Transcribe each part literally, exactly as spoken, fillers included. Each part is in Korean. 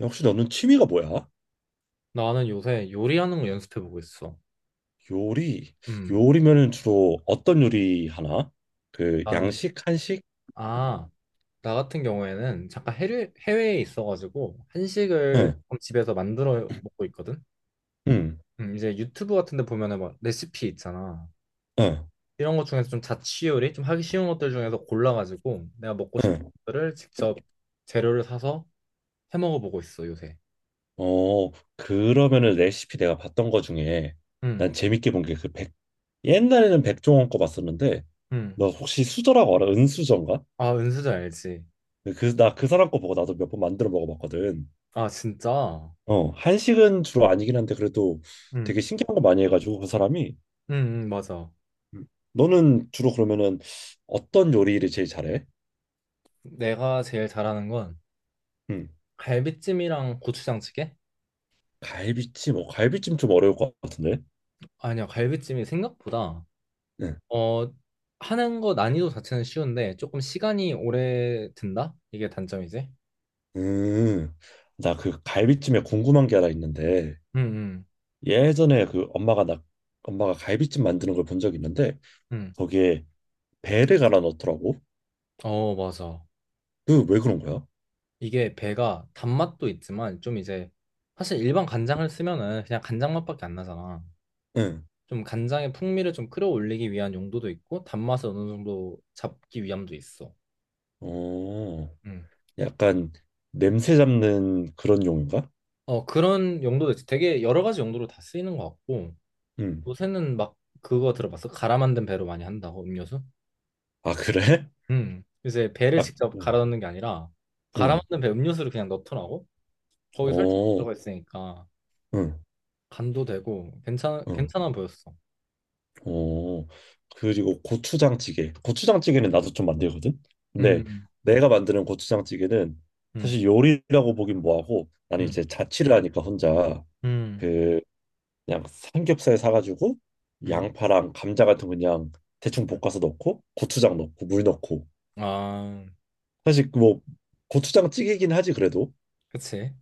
혹시 너는 취미가 뭐야? 나는 요새 요리하는 거 연습해보고 있어. 요리. 음, 요리면은 주로 어떤 요리 하나? 그 나는, 양식, 한식? 아, 나 같은 경우에는 잠깐 해외, 해외에 있어가지고 한식을 응, 조금 집에서 만들어 먹고 있거든? 응, 음, 이제 유튜브 같은 데 보면은 막 레시피 있잖아. 응, 이런 것 중에서 좀 자취 요리, 좀 하기 쉬운 것들 중에서 골라가지고 내가 먹고 싶은 응. 것들을 직접 재료를 사서 해 먹어보고 있어, 요새. 어, 그러면은 레시피 내가 봤던 거 중에 음, 난 재밌게 본 게 그 백, 옛날에는 백종원 거 봤었는데 음. 너 혹시 수저라고 알아? 은수저인가? 아, 은수저 알지? 그, 그, 나그 사람 거 보고 나도 몇 번 만들어 먹어봤거든. 아, 진짜? 어, 한식은 주로 아니긴 한데 그래도 음, 되게 신기한 거 많이 해가지고 그 사람이. 응, 응, 맞아. 음. 너는 주로 그러면은 어떤 요리를 제일 잘해? 내가 제일 잘하는 건 음. 갈비찜이랑 고추장찌개? 갈비찜, 어, 갈비찜 좀 어려울 것 같은데. 아니야, 갈비찜이 생각보다 응. 어 하는 거 난이도 자체는 쉬운데 조금 시간이 오래 든다? 이게 단점이지? 음. 나 그 갈비찜에 궁금한 게 하나 있는데 응, 응, 예전에 그 엄마가 나 엄마가 갈비찜 만드는 걸 본 적이 있는데 응. 거기에 배를 갈아 넣더라고. 어, 맞아. 그 왜 그런 거야? 이게 배가 단맛도 있지만 좀 이제 사실 일반 간장을 쓰면은 그냥 간장 맛밖에 안 나잖아. 응. 좀 간장의 풍미를 좀 끌어올리기 위한 용도도 있고 단맛을 어느 정도 잡기 위함도 있어. 어. 응. 약간 냄새 잡는 그런 용인가? 어, 그런 용도도 있지. 되게 여러 가지 용도로 다 쓰이는 것 같고. 응. 요새는 막 그거 들어봤어? 갈아 만든 배로 많이 한다고 음료수? 아, 그래? 음. 요새 배를 아, 직접 갈아 응. 넣는 게 아니라 갈아 응. 만든 배 음료수를 그냥 넣더라고. 거기 설탕 어. 들어가 있으니까 응. 간도 되고 괜찮 응. 괜찮아 보였어. 어, 그리고 고추장찌개. 고추장찌개는 나도 좀 만들거든. 근데 음. 내가 만드는 고추장찌개는 음. 사실 요리라고 보긴 뭐하고 나는 음. 이제 자취를 하니까 혼자 음. 그 그냥 삼겹살 사가지고 음. 양파랑 감자 같은 거 그냥 대충 음. 볶아서 넣고 고추장 넣고 물 넣고 아, 사실 그뭐 고추장찌개긴 하지 그래도 그치.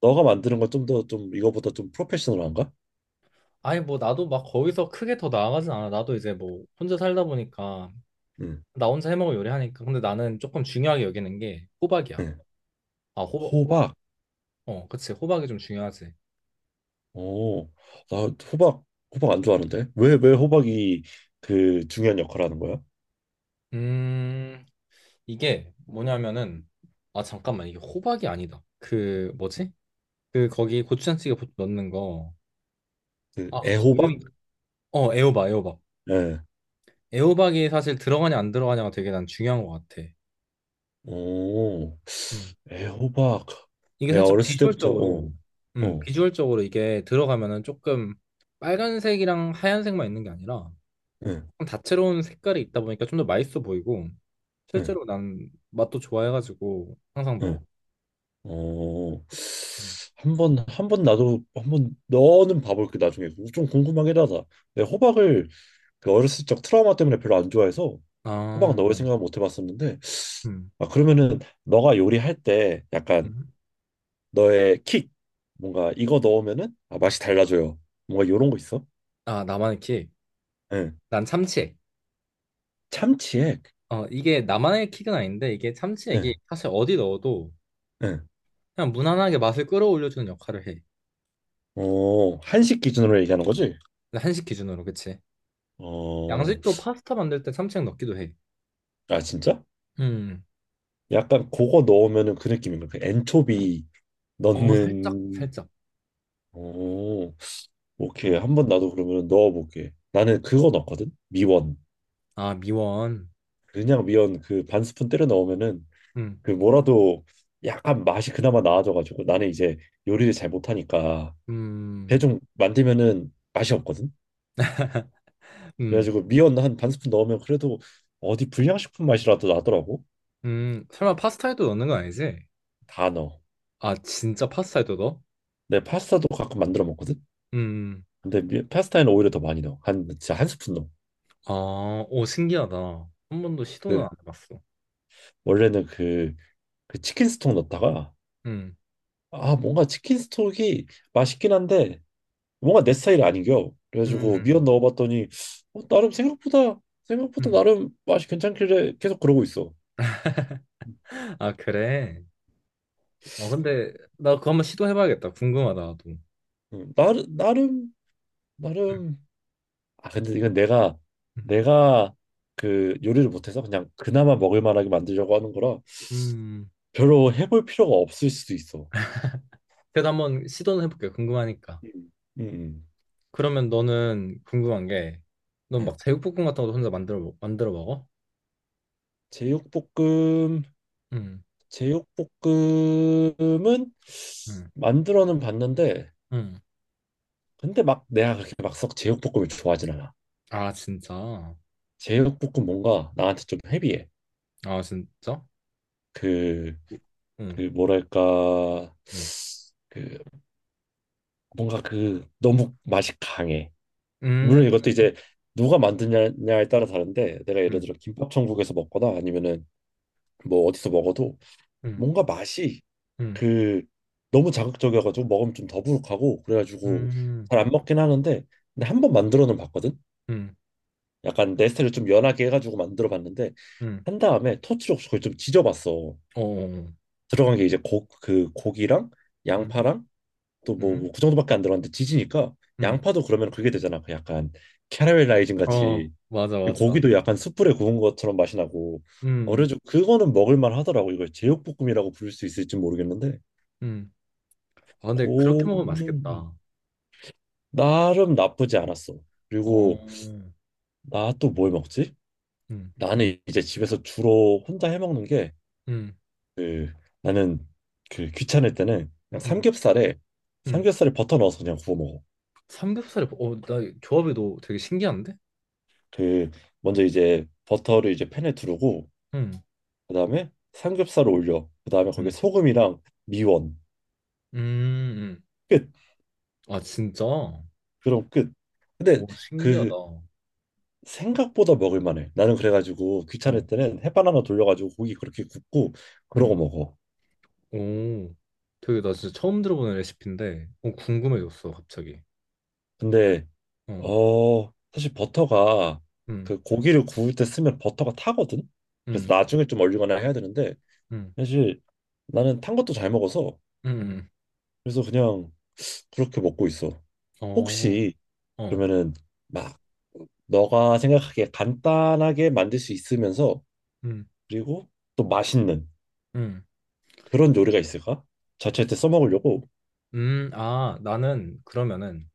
너가 만드는 건 좀 더 좀 이거보다 좀 프로페셔널한가? 아니, 뭐, 나도 막 거기서 크게 더 나아가진 않아. 나도 이제 뭐, 혼자 살다 보니까, 응. 나 혼자 해먹을 요리하니까. 근데 나는 조금 중요하게 여기는 게 호박이야. 응. 아, 호박, 호박? 호박. 어, 그치. 호박이 좀 중요하지. 어, 나 호박 호박 안 좋아하는데 왜 왜 호박이 그 중요한 역할을 하는 거야? 음. 이게 뭐냐면은 아 잠깐만 이게 호박이 아니다. 그 뭐지? 그 거기 고추장찌개 보통 넣는 거. 그 아 갑자기 애호박? 이름이 어 애호박 애호박. 예. 애호박이 사실 들어가냐 안 들어가냐가 되게 난 중요한 것 같아. 오, 음. 애호박. 이게 내가 살짝 어렸을 때부터 어, 비주얼적으로 음 어, 비주얼적으로 이게 들어가면은 조금 빨간색이랑 하얀색만 있는 게 아니라 응, 조금 다채로운 색깔이 있다 보니까 좀 더 맛있어 보이고 응, 실제로 난 맛도 좋아해가지고 항상 넣어. 응. 어, 음. 한번 한 번 나도 한 번 너는 봐볼게 나중에 좀 궁금하긴 하다. 내가 호박을 그 어렸을 적 트라우마 때문에 별로 안 좋아해서 호박 아, 넣을 음. 생각은 못 해봤었는데 음. 아 그러면은 너가 요리할 때 약간 음. 너의 킥 뭔가 이거 넣으면은 아, 맛이 달라져요. 뭔가 요런 거 있어? 아, 나만의 키. 응. 난 참치액. 참치액. 어, 이게 나만의 킥은 아닌데 이게 응. 참치액이 사실 어디 넣어도 응. 그냥 무난하게 맛을 끌어올려주는 역할을 해. 어, 한식 기준으로 얘기하는 거지? 한식 기준으로, 그치? 어. 양식도 파스타 만들 때 참치액 넣기도 해. 아, 진짜? 음. 약간 그거 넣으면은 그 느낌인가? 그 엔초비 어, 살짝, 넣는. 살짝. 오, 오케이. 음. 한 번 나도 그러면 넣어볼게. 나는 그거 넣었거든. 미원. 아, 미원. 그냥 미원 그 반 스푼 때려 넣으면은 음. 그 뭐라도 약간 맛이 그나마 나아져가지고 나는 이제 요리를 잘 못하니까 음. 대충 만들면은 맛이 없거든. 음. 그래가지고 미원 한 반 스푼 넣으면 그래도 어디 불량식품 맛이라도 나더라고. 음. 설마 파스타에도 넣는 건 아니지? 다 넣어. 아, 진짜 파스타에도 넣어? 내 파스타도 가끔 만들어 먹거든. 음. 근데 미- 파스타에는 오히려 더 많이 넣어. 한 진짜 한 스푼 넣어. 아, 오, 신기하다. 한 번도 시도는 안 그 해봤어. 원래는 그, 그 치킨 스톡 넣었다가 음. 아 뭔가 치킨 스톡이 맛있긴 한데 뭔가 내 스타일이 아닌겨. 그래가지고 미원 음. 넣어봤더니 어, 나름 생각보다 생각보다 음. 나름 맛이 괜찮길래 계속 그러고 있어. 아, 그래. 어, 근데 나 그거 한번 시도해봐야겠다. 궁금하다, 나도. 음, 나름 나름 나름 아 근데 이건 내가 음. 내가 그 요리를 못해서 그냥 그나마 먹을 만하게 만들려고 하는 거라 음. 별로 해볼 필요가 없을 수도 있어. 그래도 한번 시도는 해볼게. 궁금하니까. 음. 음, 음. 그러면 너는 궁금한 게, 넌 막 네. 제육볶음 같은 것도 혼자 만들어 먹- 만들어 먹어? 제육볶음. 응, 제육볶음은 응, 만들어는 봤는데 응. 근데 막 내가 그렇게 막썩 제육볶음을 좋아하진 않아. 아, 진짜? 제육볶음 뭔가 나한테 좀 헤비해. 아, 진짜? 그, 응, 그 뭐랄까 응, 그 뭔가 그 너무 맛이 강해. 음, 물론 이것도 이제 누가 만드냐에 따라 다른데 내가 예를 응, 들어 김밥 천국에서 먹거나 아니면은 뭐 어디서 먹어도 응, 뭔가 맛이 응, 그 너무 자극적이어가지고 먹으면 좀 더부룩하고 그래가지고 음 잘 안 먹긴 하는데 근데 한 번 만들어는 봤거든. 응, 약간 네스테를 좀 연하게 해가지고 만들어 봤는데 응, 한 다음에 토치로 그걸 좀 지져봤어. 어, 들어간 게 이제 고, 그 고기랑 응, 양파랑 또뭐 응, 뭐 그 정도밖에 안 들어갔는데 지지니까 응. 양파도 그러면 그게 되잖아. 그 약간 캐러멜라이징 어, 같이 맞아, 이 맞아. 고기도 약간 숯불에 구운 것처럼 맛이 나고 응, 어려져 그거는 먹을만 하더라고. 이걸 제육볶음이라고 부를 수 있을지 모르겠는데 응. 아, 근데 그렇게 먹으면 그거는 맛있겠다. 나름 나쁘지 않았어. 어, 그리고 나 또 뭘 먹지? 응. 나는 이제 집에서 주로 혼자 해 먹는 게 음, 그 나는 그 귀찮을 때는 그냥 음, 삼겹살에 음. 삼겹살에 버터 넣어서 그냥 구워 먹어. 삼겹살에, 어, 나 조합이 너 되게 신기한데? 그 먼저 이제 버터를 이제 팬에 두르고 음, 그다음에 삼겹살을 올려 그다음에 거기에 음, 소금이랑 미원 음, 음. 끝 아, 진짜? 그럼 끝 근데 오, 신기하다. 그 어, 생각보다 먹을 만해 나는 그래가지고 귀찮을 때는 햇반 하나 돌려가지고 고기 그렇게 굽고 그러고 음, 먹어 오. 되게 나 진짜 처음 들어보는 레시피인데, 어, 궁금해졌어, 갑자기. 근데 어, 어 사실 버터가 음, 그 고기를 구울 때 쓰면 버터가 타거든 그래서 음, 나중에 좀 얼리거나 해야 되는데 음, 사실 나는 탄 것도 잘 먹어서 음, 음. 그래서 그냥 그렇게 먹고 있어 어, 혹시 어, 그러면은 막 너가 생각하기에 간단하게 만들 수 있으면서 음, 그리고 또 맛있는 음, 그런 요리가 있을까? 자취할 때 써먹으려고. 음. 아, 나는 그러면은,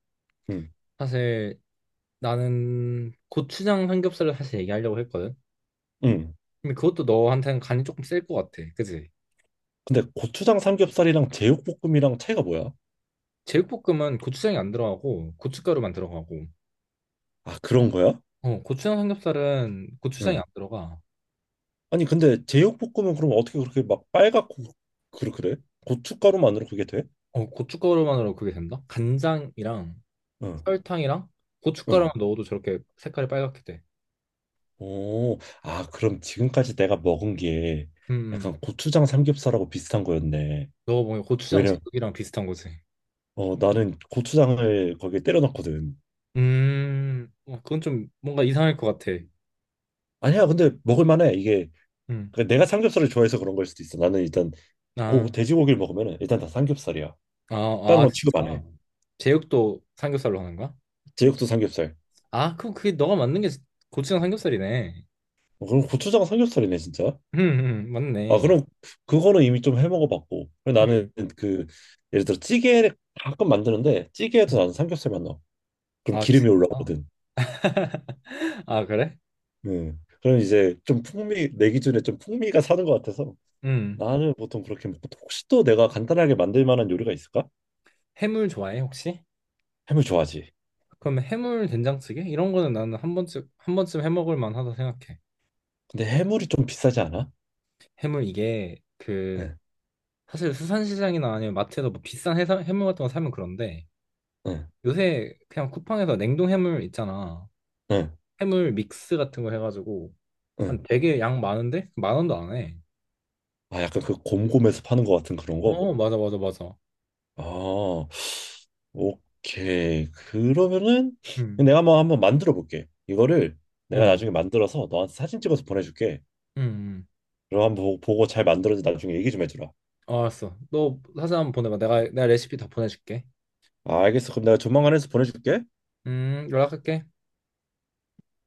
응, 사실 나는 고추장 삼겹살을 사실 얘기하려고 했거든? 응. 근데 그것도 너한테는 간이 조금 셀 것 같아. 그지? 근데 고추장 삼겹살이랑 제육볶음이랑 차이가 뭐야? 제육볶음은 고추장이 안 들어가고 고춧가루만 들어가고 아, 그런 거야? 어 고추장 삼겹살은 고추장이 안 응. 들어가 아니, 근데 제육볶음은 그럼 어떻게 그렇게 막 빨갛고 그래 그래? 고춧가루만으로 그게 돼? 어 고춧가루만으로 그게 된다? 간장이랑 응, 설탕이랑 고춧가루만 응. 넣어도 저렇게 색깔이 빨갛게 돼. 오, 아, 그럼 지금까지 내가 먹은 게 음, 음. 약간 고추장 삼겹살하고 비슷한 거였네. 넣어보면 고추장 왜냐면 제육이랑 비슷한 거지. 어, 나는 고추장을 거기에 때려 넣거든. 음, 어, 그건 좀 뭔가 이상할 것 같아. 아니야, 근데 먹을 만해. 이게 음, 그러니까 내가 삼겹살을 좋아해서 그런 걸 수도 있어. 나는 일단 고, 아, 돼지고기를 먹으면 일단 다 삼겹살이야. 아, 다른 아, 건 진짜? 취급 안 해. 제육도 삼겹살로 하는 거야? 제육도 삼겹살. 아, 그럼 그게 너가 만든 게 고추장 삼겹살이네. 어, 그럼 고추장 삼겹살이네, 진짜. 음, 음, 아, 맞네. 그럼 그거는 이미 좀 해 먹어봤고. 그리고 나는 음, 그 예를 들어 찌개를 가끔 만드는데 찌개에도 음. 나는 삼겹살만 넣어. 그럼 아, 기름이 진짜? 올라오거든. 아, 그래? 음. 그럼 이제 좀 풍미 내 기준에 좀 풍미가 사는 것 같아서 음. 나는 보통 그렇게 먹고 혹시 또 내가 간단하게 만들 만한 요리가 있을까? 해물 좋아해, 혹시? 해물 좋아하지. 그럼 해물 된장찌개? 이런 거는 나는 한 번쯤, 한 번쯤 해 먹을 만하다 생각해. 근데 해물이 좀 비싸지 않아? 해물 이게 그, 응, 사실 수산시장이나 아니면 마트에서 뭐 비싼 해사, 해물 같은 거 사면 그런데 응, 요새 그냥 쿠팡에서 냉동 해물 있잖아. 응, 해물 믹스 같은 거 해가지고 한 응. 되게 양 많은데? 만 원도 안 해. 아, 약간 그 곰곰에서 파는 것 같은 그런 거? 어, 맞아, 맞아, 맞아. 아, 오케이. 그러면은 음. 내가 한번 한번 만들어 볼게. 이거를 어, 내가 음, 나중에 만들어서 너한테 사진 찍어서 보내줄게. 음. 그럼 한번 보- 보고 잘 만들어서 나중에 얘기 좀 해주라. 어, 알았어. 너 사진 한번 보내봐. 내가, 내가 레시피 다 보내줄게. 아, 알겠어. 그럼 내가 조만간 해서 보내줄게. 음, 연락할게.